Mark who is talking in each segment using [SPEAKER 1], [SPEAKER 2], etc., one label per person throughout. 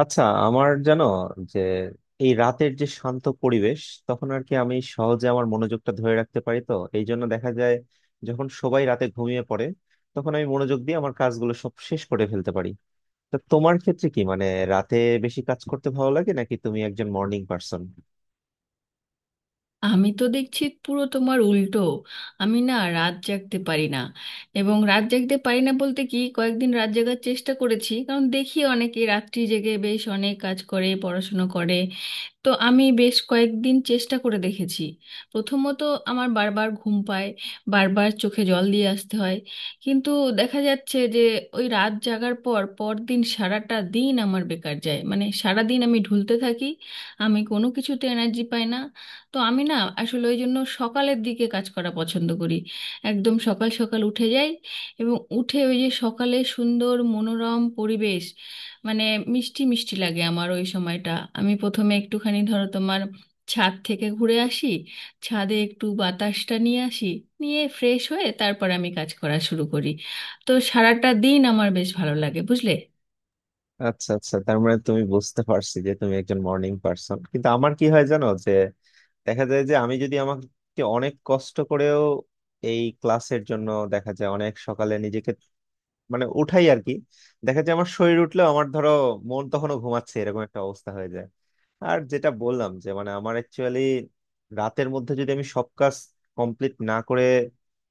[SPEAKER 1] আচ্ছা, আমার জানো যে এই রাতের যে শান্ত পরিবেশ, তখন আর কি আমি সহজে আমার মনোযোগটা ধরে রাখতে পারি। তো এই জন্য দেখা যায়, যখন সবাই রাতে ঘুমিয়ে পড়ে তখন আমি মনোযোগ দিয়ে আমার কাজগুলো সব শেষ করে ফেলতে পারি। তা তোমার ক্ষেত্রে কি, মানে রাতে বেশি কাজ করতে ভালো লাগে নাকি তুমি একজন মর্নিং পার্সন?
[SPEAKER 2] আমি তো দেখছি পুরো তোমার উল্টো। আমি না রাত জাগতে পারি না, এবং রাত জাগতে পারি না বলতে কি কয়েকদিন রাত জাগার চেষ্টা করেছি কারণ দেখি অনেকে রাত্রি জেগে বেশ অনেক কাজ করে, পড়াশুনো করে। তো আমি বেশ কয়েকদিন চেষ্টা করে দেখেছি। প্রথমত আমার বারবার ঘুম পায়, বারবার চোখে জল দিয়ে আসতে হয়। কিন্তু দেখা যাচ্ছে যে ওই রাত জাগার পর পরদিন সারাটা দিন আমার বেকার যায়, মানে সারা দিন আমি ঢুলতে থাকি, আমি কোনো কিছুতে এনার্জি পাই না। তো আমি না, আসলে ওই জন্য সকালের দিকে কাজ করা পছন্দ করি। একদম সকাল সকাল উঠে যাই, এবং উঠে ওই যে সকালে সুন্দর মনোরম পরিবেশ, মানে মিষ্টি মিষ্টি লাগে আমার ওই সময়টা। আমি প্রথমে একটুখানি ধরো তোমার ছাদ থেকে ঘুরে আসি, ছাদে একটু বাতাসটা নিয়ে আসি, নিয়ে ফ্রেশ হয়ে তারপর আমি কাজ করা শুরু করি। তো সারাটা দিন আমার বেশ ভালো লাগে বুঝলে।
[SPEAKER 1] আচ্ছা আচ্ছা তার মানে তুমি, বুঝতে পারছি যে তুমি একজন মর্নিং পার্সন। কিন্তু আমার কি হয় জানো যে, দেখা যায় যে আমি যদি আমাকে অনেক কষ্ট করেও এই ক্লাসের জন্য দেখা যায় অনেক সকালে নিজেকে মানে উঠাই আর কি, দেখা যায় আমার শরীর উঠলেও আমার ধরো মন তখনও ঘুমাচ্ছে, এরকম একটা অবস্থা হয়ে যায়। আর যেটা বললাম যে মানে আমার অ্যাকচুয়ালি রাতের মধ্যে যদি আমি সব কাজ কমপ্লিট না করে,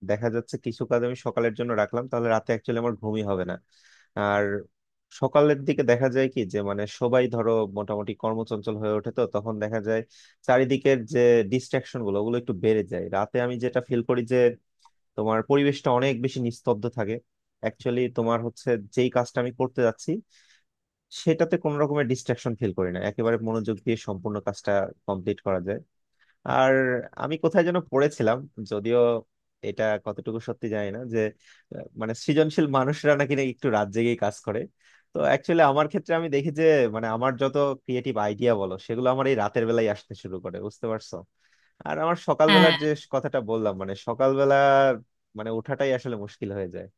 [SPEAKER 1] দেখা যাচ্ছে কিছু কাজ আমি সকালের জন্য রাখলাম, তাহলে রাতে অ্যাকচুয়ালি আমার ঘুমই হবে না। আর সকালের দিকে দেখা যায় কি যে, মানে সবাই ধরো মোটামুটি কর্মচঞ্চল হয়ে ওঠে, তো তখন দেখা যায় চারিদিকের যে ডিস্ট্রাকশন গুলো, ওগুলো একটু বেড়ে যায়। রাতে আমি যেটা ফিল করি যে, তোমার পরিবেশটা অনেক বেশি নিস্তব্ধ থাকে, অ্যাকচুয়ালি তোমার হচ্ছে যেই কাজটা আমি করতে যাচ্ছি সেটাতে কোনো রকমের ডিস্ট্রাকশন ফিল করি না, একেবারে মনোযোগ দিয়ে সম্পূর্ণ কাজটা কমপ্লিট করা যায়। আর আমি কোথায় যেন পড়েছিলাম, যদিও এটা কতটুকু সত্যি জানি না যে, মানে সৃজনশীল মানুষরা নাকি না একটু রাত জেগেই কাজ করে। তো অ্যাকচুয়ালি আমার ক্ষেত্রে আমি দেখি যে, মানে আমার যত ক্রিয়েটিভ আইডিয়া বলো, সেগুলো আমার এই রাতের বেলায় আসতে শুরু করে, বুঝতে পারছো? আর আমার সকালবেলার
[SPEAKER 2] হ্যাঁ,
[SPEAKER 1] যে কথাটা বললাম, মানে সকালবেলা মানে ওঠাটাই আসলে মুশকিল হয়ে যায়।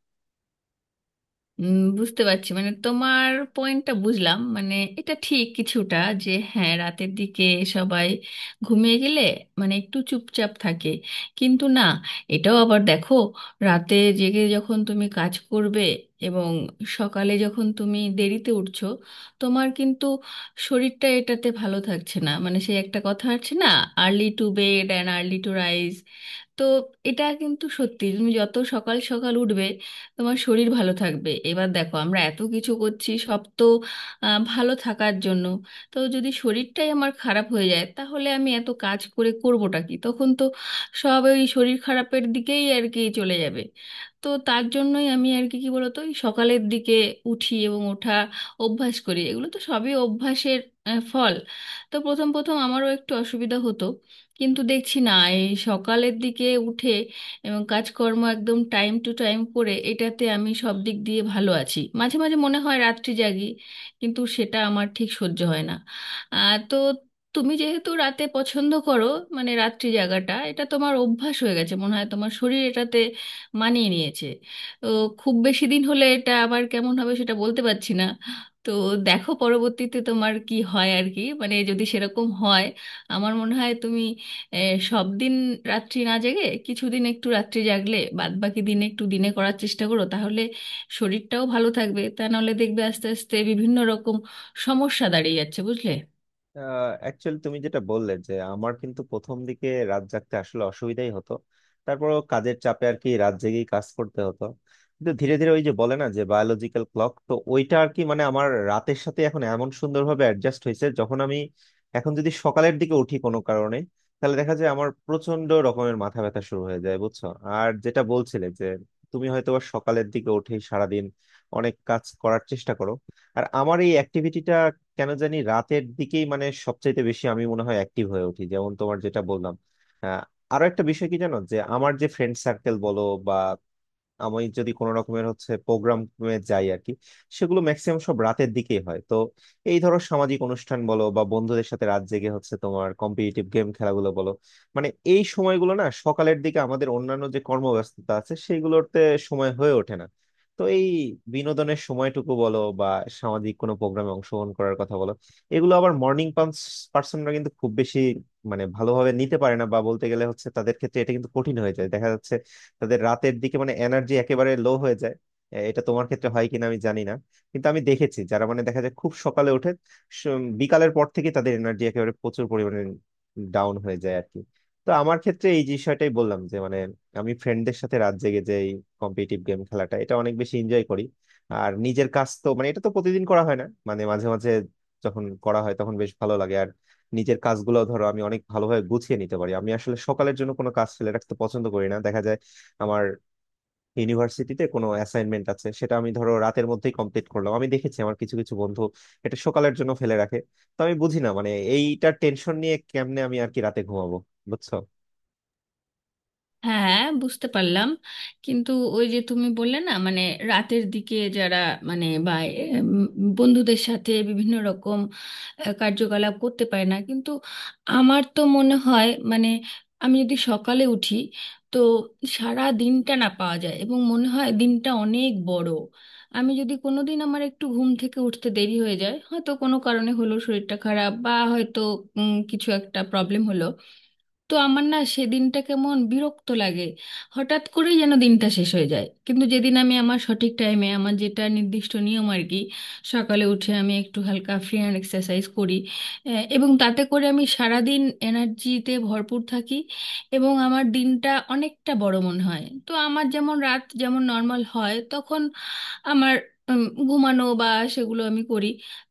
[SPEAKER 2] বুঝতে পারছি মানে তোমার পয়েন্টটা বুঝলাম, মানে এটা ঠিক কিছুটা যে হ্যাঁ রাতের দিকে সবাই ঘুমিয়ে গেলে মানে একটু চুপচাপ থাকে। কিন্তু না, এটাও আবার দেখো, রাতে জেগে যখন তুমি কাজ করবে এবং সকালে যখন তুমি দেরিতে উঠছো, তোমার কিন্তু শরীরটা এটাতে ভালো থাকছে না। মানে সেই একটা কথা আছে না, early to bed and early to rise. তো এটা কিন্তু সত্যি, তুমি যত সকাল সকাল উঠবে তোমার শরীর ভালো থাকবে। এবার দেখো আমরা এত কিছু করছি সব তো ভালো থাকার জন্য। তো যদি শরীরটাই আমার খারাপ হয়ে যায় তাহলে আমি এত কাজ করে করবোটা কি, তখন তো সব ওই শরীর খারাপের দিকেই আর কি চলে যাবে। তো তার জন্যই আমি আর কি কি বলতো এই সকালের দিকে উঠি, এবং ওঠা অভ্যাস করি। এগুলো তো সবই অভ্যাসের ফল। তো প্রথম প্রথম আমারও একটু অসুবিধা হতো, কিন্তু দেখছি না এই সকালের দিকে উঠে এবং কাজকর্ম একদম টাইম টু টাইম করে এটাতে আমি সব দিক দিয়ে ভালো আছি। মাঝে মাঝে মনে হয় রাত্রি জাগি, কিন্তু সেটা আমার ঠিক সহ্য হয় না। তো তুমি যেহেতু রাতে পছন্দ করো, মানে রাত্রি জাগাটা এটা তোমার অভ্যাস হয়ে গেছে, মনে হয় তোমার শরীর এটাতে মানিয়ে নিয়েছে। তো খুব বেশি দিন হলে এটা আবার কেমন হবে সেটা বলতে পারছি না। তো দেখো পরবর্তীতে তোমার কি হয় আর কি, মানে যদি সেরকম হয় আমার মনে হয় তুমি এ, সব দিন রাত্রি না জেগে কিছুদিন একটু রাত্রি জাগলে বাদ বাকি দিনে একটু দিনে করার চেষ্টা করো, তাহলে শরীরটাও ভালো থাকবে। তা নাহলে দেখবে আস্তে আস্তে বিভিন্ন রকম সমস্যা দাঁড়িয়ে যাচ্ছে বুঝলে।
[SPEAKER 1] অ্যাকচুয়ালি তুমি যেটা বললে, যে আমার কিন্তু প্রথম দিকে রাত জাগতে আসলে অসুবিধাই হতো, তারপরও কাজের চাপে আর কি রাত জেগেই কাজ করতে হতো। কিন্তু ধীরে ধীরে ওই যে বলে না যে বায়োলজিক্যাল ক্লক, তো ওইটা আর কি, মানে আমার রাতের সাথে এখন এমন সুন্দরভাবে অ্যাডজাস্ট হয়েছে, যখন আমি এখন যদি সকালের দিকে উঠি কোনো কারণে, তাহলে দেখা যায় আমার প্রচন্ড রকমের মাথা ব্যথা শুরু হয়ে যায়, বুঝছো? আর যেটা বলছিলে যে তুমি হয়তো বা সকালের দিকে উঠে সারাদিন অনেক কাজ করার চেষ্টা করো, আর আমার এই অ্যাক্টিভিটিটা কেন জানি রাতের দিকেই, মানে সবচাইতে বেশি আমি মনে হয় অ্যাক্টিভ হয়ে উঠি, যেমন তোমার যেটা বললাম। আহ, আরো একটা বিষয় কি জানো যে, আমার যে ফ্রেন্ড সার্কেল বলো বা আমি যদি কোনো রকমের হচ্ছে প্রোগ্রামে যাই আর কি, সেগুলো ম্যাক্সিমাম সব রাতের দিকেই হয়। তো এই ধরো সামাজিক অনুষ্ঠান বলো বা বন্ধুদের সাথে রাত জেগে হচ্ছে তোমার কম্পিটিটিভ গেম খেলাগুলো বলো, মানে এই সময়গুলো না সকালের দিকে আমাদের অন্যান্য যে কর্মব্যস্ততা আছে সেইগুলোতে সময় হয়ে ওঠে না। তো এই বিনোদনের সময়টুকু বলো বা সামাজিক কোনো প্রোগ্রামে অংশগ্রহণ করার কথা বলো, এগুলো আবার মর্নিং পার্সনরা কিন্তু খুব বেশি মানে ভালোভাবে নিতে পারে না, বা বলতে গেলে হচ্ছে তাদের ক্ষেত্রে এটা কিন্তু কঠিন হয়ে যায়, দেখা যাচ্ছে তাদের রাতের দিকে মানে এনার্জি একেবারে লো হয়ে যায়। এটা তোমার ক্ষেত্রে হয় কিনা আমি জানি না, কিন্তু আমি দেখেছি যারা মানে দেখা যায় খুব সকালে ওঠে, স- বিকালের পর থেকে তাদের এনার্জি একেবারে প্রচুর পরিমাণে ডাউন হয়ে যায় আর কি। তো আমার ক্ষেত্রে এই বিষয়টাই বললাম যে মানে আমি ফ্রেন্ডদের সাথে রাত জেগে যে কম্পিটিটিভ গেম খেলাটা এটা অনেক বেশি এনজয় করি। আর নিজের কাজ তো মানে এটা তো প্রতিদিন করা হয় না, মানে মাঝে মাঝে যখন করা হয় তখন বেশ ভালো লাগে। আর নিজের কাজগুলো ধরো আমি অনেক ভালোভাবে গুছিয়ে নিতে পারি, আমি আসলে সকালের জন্য কোনো কাজ ফেলে রাখতে পছন্দ করি না। দেখা যায় আমার ইউনিভার্সিটিতে কোনো অ্যাসাইনমেন্ট আছে সেটা আমি ধরো রাতের মধ্যেই কমপ্লিট করলাম, আমি দেখেছি আমার কিছু কিছু বন্ধু এটা সকালের জন্য ফেলে রাখে। তো আমি বুঝি না মানে এইটার টেনশন নিয়ে কেমনে আমি আর কি রাতে ঘুমাবো, বুঝছো?
[SPEAKER 2] হ্যাঁ, বুঝতে পারলাম। কিন্তু ওই যে তুমি বললে না মানে রাতের দিকে যারা, মানে বা উম, বন্ধুদের সাথে বিভিন্ন রকম কার্যকলাপ করতে পারে না, কিন্তু আমার তো মনে হয় মানে আমি যদি সকালে উঠি তো সারা দিনটা না পাওয়া যায় এবং মনে হয় দিনটা অনেক বড়। আমি যদি কোনোদিন আমার একটু ঘুম থেকে উঠতে দেরি হয়ে যায়, হয়তো কোনো কারণে হলো শরীরটা খারাপ বা হয়তো কিছু একটা প্রবলেম হলো, তো আমার না সেদিনটা কেমন বিরক্ত লাগে, হঠাৎ করেই যেন দিনটা শেষ হয়ে যায়। কিন্তু যেদিন আমি আমার সঠিক টাইমে আমার যেটা নির্দিষ্ট নিয়ম আর কি সকালে উঠে আমি একটু হালকা ফ্রি হ্যান্ড এক্সারসাইজ করি, এবং তাতে করে আমি সারাদিন এনার্জিতে ভরপুর থাকি এবং আমার দিনটা অনেকটা বড় মনে হয়। তো আমার যেমন রাত যেমন নর্মাল হয় তখন আমার উম, ঘুমানো বা সেগুলো আমি করি।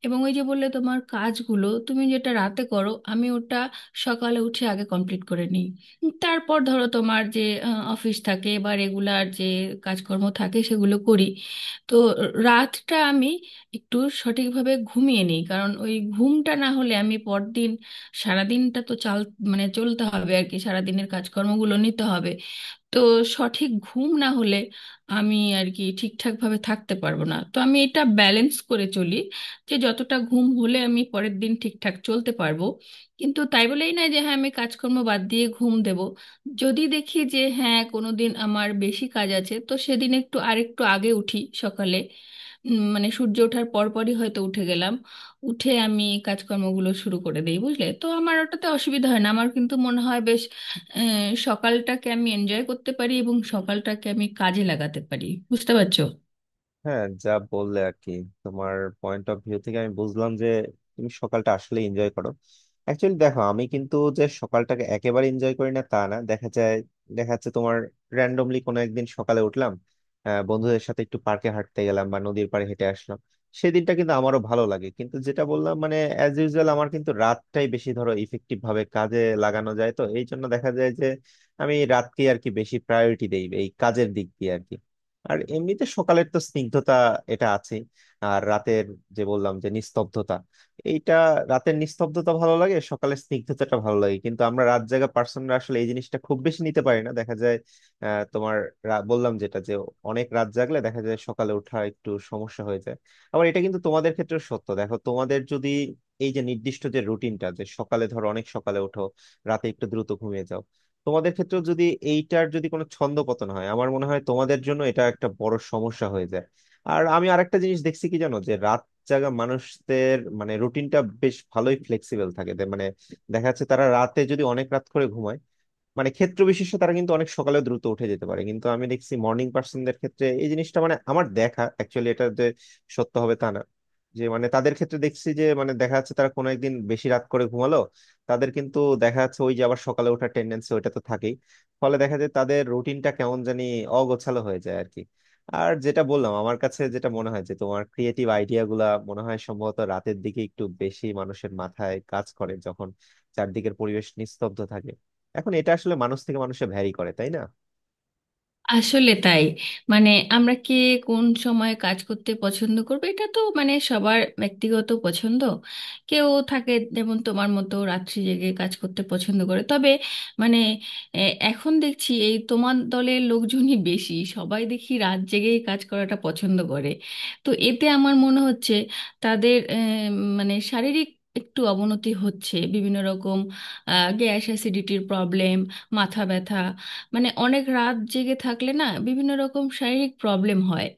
[SPEAKER 2] এবং ওই যে বললে তোমার কাজগুলো তুমি যেটা রাতে করো, আমি ওটা সকালে উঠে আগে কমপ্লিট করে নিই। তারপর ধরো তোমার যে অফিস থাকে বা রেগুলার যে কাজকর্ম থাকে সেগুলো করি। তো রাতটা আমি একটু সঠিকভাবে ঘুমিয়ে নিই, কারণ ওই ঘুমটা না হলে আমি পরদিন সারাদিনটা তো চাল, মানে চলতে হবে আর কি, সারাদিনের কাজকর্মগুলো নিতে হবে। তো সঠিক ঘুম না হলে আমি আর কি ঠিকঠাক ভাবে থাকতে পারবো না। তো আমি এটা ব্যালেন্স করে চলি, যে যতটা ঘুম হলে আমি পরের দিন ঠিকঠাক চলতে পারবো। কিন্তু তাই বলেই না যে হ্যাঁ আমি কাজকর্ম বাদ দিয়ে ঘুম দেব। যদি দেখি যে হ্যাঁ কোনো দিন আমার বেশি কাজ আছে তো সেদিন একটু আরেকটু আগে উঠি সকালে, মানে সূর্য ওঠার পরপরই হয়তো উঠে গেলাম, উঠে আমি কাজকর্মগুলো শুরু করে দিই বুঝলে। তো আমার ওটাতে অসুবিধা হয় না, আমার কিন্তু মনে হয় বেশ সকালটাকে আমি এনজয় করতে পারি এবং সকালটাকে আমি কাজে লাগাতে পারি, বুঝতে পারছো।
[SPEAKER 1] হ্যাঁ, যা বললে আর কি, তোমার পয়েন্ট অফ ভিউ থেকে আমি বুঝলাম যে তুমি সকালটা আসলে এনজয় করো। অ্যাকচুয়ালি দেখো আমি কিন্তু যে সকালটাকে একেবারে এনজয় করি না তা না, দেখা যায় দেখা যাচ্ছে তোমার র্যান্ডমলি কোনো একদিন সকালে উঠলাম, বন্ধুদের সাথে একটু পার্কে হাঁটতে গেলাম বা নদীর পাড়ে হেঁটে আসলাম, সেদিনটা কিন্তু আমারও ভালো লাগে। কিন্তু যেটা বললাম, মানে অ্যাজ ইউজুয়াল আমার কিন্তু রাতটাই বেশি ধরো ইফেক্টিভ ভাবে কাজে লাগানো যায়। তো এই জন্য দেখা যায় যে আমি রাতকে আর কি বেশি প্রায়োরিটি দেই এই কাজের দিক দিয়ে আর কি। আর এমনিতে সকালের তো স্নিগ্ধতা এটা আছে, আর রাতের যে বললাম যে নিস্তব্ধতা এইটা, রাতের নিস্তব্ধতা ভালো লাগে, সকালের স্নিগ্ধতাটা ভালো লাগে, কিন্তু আমরা রাত জাগা পার্সনরা আসলে এই জিনিসটা খুব বেশি নিতে পারি না দেখা যায়। আহ, তোমার বললাম যেটা, যে অনেক রাত জাগলে দেখা যায় সকালে ওঠা একটু সমস্যা হয়ে যায়। আবার এটা কিন্তু তোমাদের ক্ষেত্রে সত্য, দেখো তোমাদের যদি এই যে নির্দিষ্ট যে রুটিনটা যে সকালে ধরো অনেক সকালে ওঠো, রাতে একটু দ্রুত ঘুমিয়ে যাও, তোমাদের ক্ষেত্রেও যদি এইটার যদি কোনো ছন্দপতন হয়, আমার মনে হয় তোমাদের জন্য এটা একটা বড় সমস্যা হয়ে যায়। আর আমি আরেকটা জিনিস দেখছি কি জানো যে, রাত জাগা মানুষদের মানে রুটিনটা বেশ ভালোই ফ্লেক্সিবল থাকে, মানে দেখা যাচ্ছে তারা রাতে যদি অনেক রাত করে ঘুমায়, মানে ক্ষেত্র বিশেষে তারা কিন্তু অনেক সকালে দ্রুত উঠে যেতে পারে। কিন্তু আমি দেখছি মর্নিং পার্সনদের ক্ষেত্রে এই জিনিসটা, মানে আমার দেখা অ্যাকচুয়ালি এটা যে সত্য হবে তা না, যে মানে তাদের ক্ষেত্রে দেখছি যে মানে দেখা যাচ্ছে তারা কোনো একদিন বেশি রাত করে ঘুমালো, তাদের কিন্তু দেখা যাচ্ছে ওই যে আবার সকালে ওঠার টেন্ডেন্সি ওইটা তো থাকেই, ফলে দেখা যায় তাদের রুটিনটা কেমন জানি অগোছালো হয়ে যায় আর কি। আর যেটা বললাম, আমার কাছে যেটা মনে হয় যে তোমার ক্রিয়েটিভ আইডিয়া গুলা মনে হয় সম্ভবত রাতের দিকে একটু বেশি মানুষের মাথায় কাজ করে, যখন চারদিকের পরিবেশ নিস্তব্ধ থাকে। এখন এটা আসলে মানুষ থেকে মানুষে ভ্যারি করে, তাই না?
[SPEAKER 2] আসলে তাই, মানে আমরা কে কোন সময় কাজ করতে পছন্দ করবে এটা তো মানে সবার ব্যক্তিগত পছন্দ। কেউ থাকে যেমন তোমার মতো রাত্রি জেগে কাজ করতে পছন্দ করে, তবে মানে এ, এখন দেখছি এই তোমার দলের লোকজনই বেশি, সবাই দেখি রাত জেগেই কাজ করাটা পছন্দ করে। তো এতে আমার মনে হচ্ছে তাদের মানে শারীরিক একটু অবনতি হচ্ছে, বিভিন্ন রকম গ্যাস অ্যাসিডিটির প্রবলেম, মাথা ব্যথা, মানে অনেক রাত জেগে থাকলে না বিভিন্ন রকম শারীরিক প্রবলেম হয়।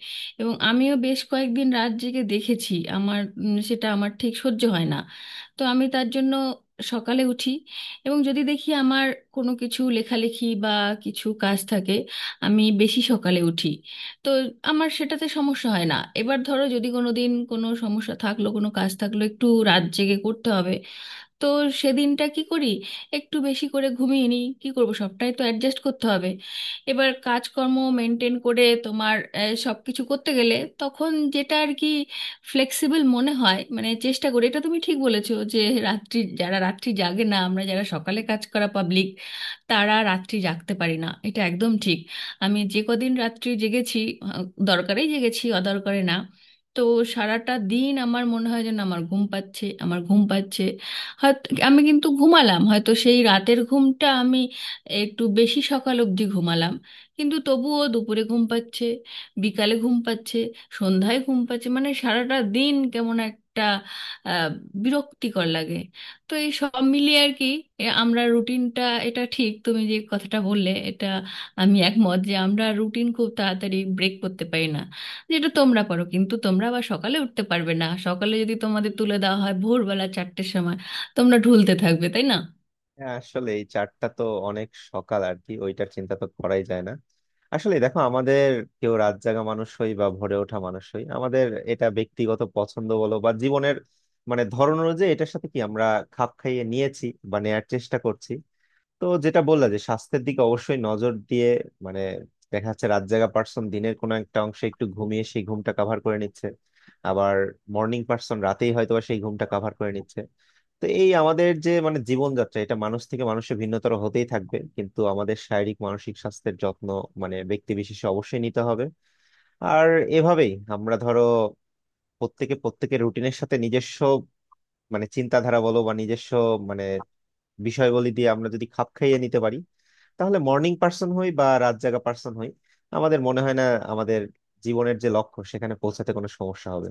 [SPEAKER 2] এবং আমিও বেশ কয়েকদিন রাত জেগে দেখেছি আমার, সেটা আমার ঠিক সহ্য হয় না। তো আমি তার জন্য সকালে উঠি, এবং যদি দেখি আমার কোনো কিছু লেখালেখি বা কিছু কাজ থাকে আমি বেশি সকালে উঠি। তো আমার সেটাতে সমস্যা হয় না। এবার ধরো যদি কোনো দিন কোনো সমস্যা থাকলো, কোনো কাজ থাকলো একটু রাত জেগে করতে হবে, তো সেদিনটা কি করি একটু বেশি করে ঘুমিয়ে নিই। কি করব, সবটাই তো অ্যাডজাস্ট করতে হবে। এবার কাজকর্ম মেনটেন করে তোমার সব কিছু করতে গেলে তখন যেটা আর কি ফ্লেক্সিবল মনে হয়, মানে চেষ্টা করি। এটা তুমি ঠিক বলেছো যে রাত্রি যারা রাত্রি জাগে না, আমরা যারা সকালে কাজ করা পাবলিক, তারা রাত্রি জাগতে পারি না, এটা একদম ঠিক। আমি যে কদিন রাত্রি জেগেছি, আহ, দরকারেই জেগেছি, অদরকারে না। তো সারাটা দিন আমার মনে হয় যেন আমার ঘুম পাচ্ছে, আমার ঘুম পাচ্ছে। হয়তো আমি কিন্তু ঘুমালাম, হয়তো সেই রাতের ঘুমটা আমি একটু বেশি সকাল অবধি ঘুমালাম, কিন্তু তবুও দুপুরে ঘুম পাচ্ছে, বিকালে ঘুম পাচ্ছে, সন্ধ্যায় ঘুম পাচ্ছে, মানে সারাটা দিন কেমন একটা আহ, বিরক্তিকর লাগে। তো এই সব মিলিয়ে আর কি, এ আমরা রুটিনটা, এটা ঠিক তুমি যে কথাটা বললে, এটা আমি একমত, যে আমরা রুটিন খুব তাড়াতাড়ি ব্রেক করতে পারি না, যেটা তোমরা পারো। কিন্তু তোমরা আবার সকালে উঠতে পারবে না, সকালে যদি তোমাদের তুলে দেওয়া হয় ভোরবেলা 4টের সময়, তোমরা ঢুলতে থাকবে, তাই না?
[SPEAKER 1] হ্যাঁ, আসলে এই চারটা তো অনেক সকাল আর কি, ওইটার চিন্তা তো করাই যায় না। আসলে দেখো আমাদের কেউ রাত জাগা মানুষ হই বা ভোরে ওঠা মানুষ হই, আমাদের এটা ব্যক্তিগত পছন্দ বলো বা জীবনের মানে ধরন অনুযায়ী এটার সাথে কি আমরা খাপ খাইয়ে নিয়েছি বা নেয়ার চেষ্টা করছি। তো যেটা বললা যে স্বাস্থ্যের দিকে অবশ্যই নজর দিয়ে, মানে দেখা যাচ্ছে রাত জাগা পার্সন দিনের কোনো একটা অংশে একটু ঘুমিয়ে সেই ঘুমটা কাভার করে নিচ্ছে, আবার মর্নিং পার্সন রাতেই হয়তো বা সেই ঘুমটা কাভার করে নিচ্ছে। তো এই আমাদের যে মানে জীবনযাত্রা এটা মানুষ থেকে মানুষে ভিন্নতর হতেই থাকবে, কিন্তু আমাদের শারীরিক মানসিক স্বাস্থ্যের যত্ন মানে ব্যক্তি বিশেষে অবশ্যই নিতে হবে। আর এভাবেই আমরা ধরো প্রত্যেকে প্রত্যেকের রুটিনের সাথে নিজস্ব মানে চিন্তাধারা বলো বা নিজস্ব মানে বিষয়বলী দিয়ে আমরা যদি খাপ খাইয়ে নিতে পারি, তাহলে মর্নিং পার্সন হই বা রাত জাগা পার্সন হই, আমাদের মনে হয় না আমাদের জীবনের যে লক্ষ্য সেখানে পৌঁছাতে কোনো সমস্যা হবে।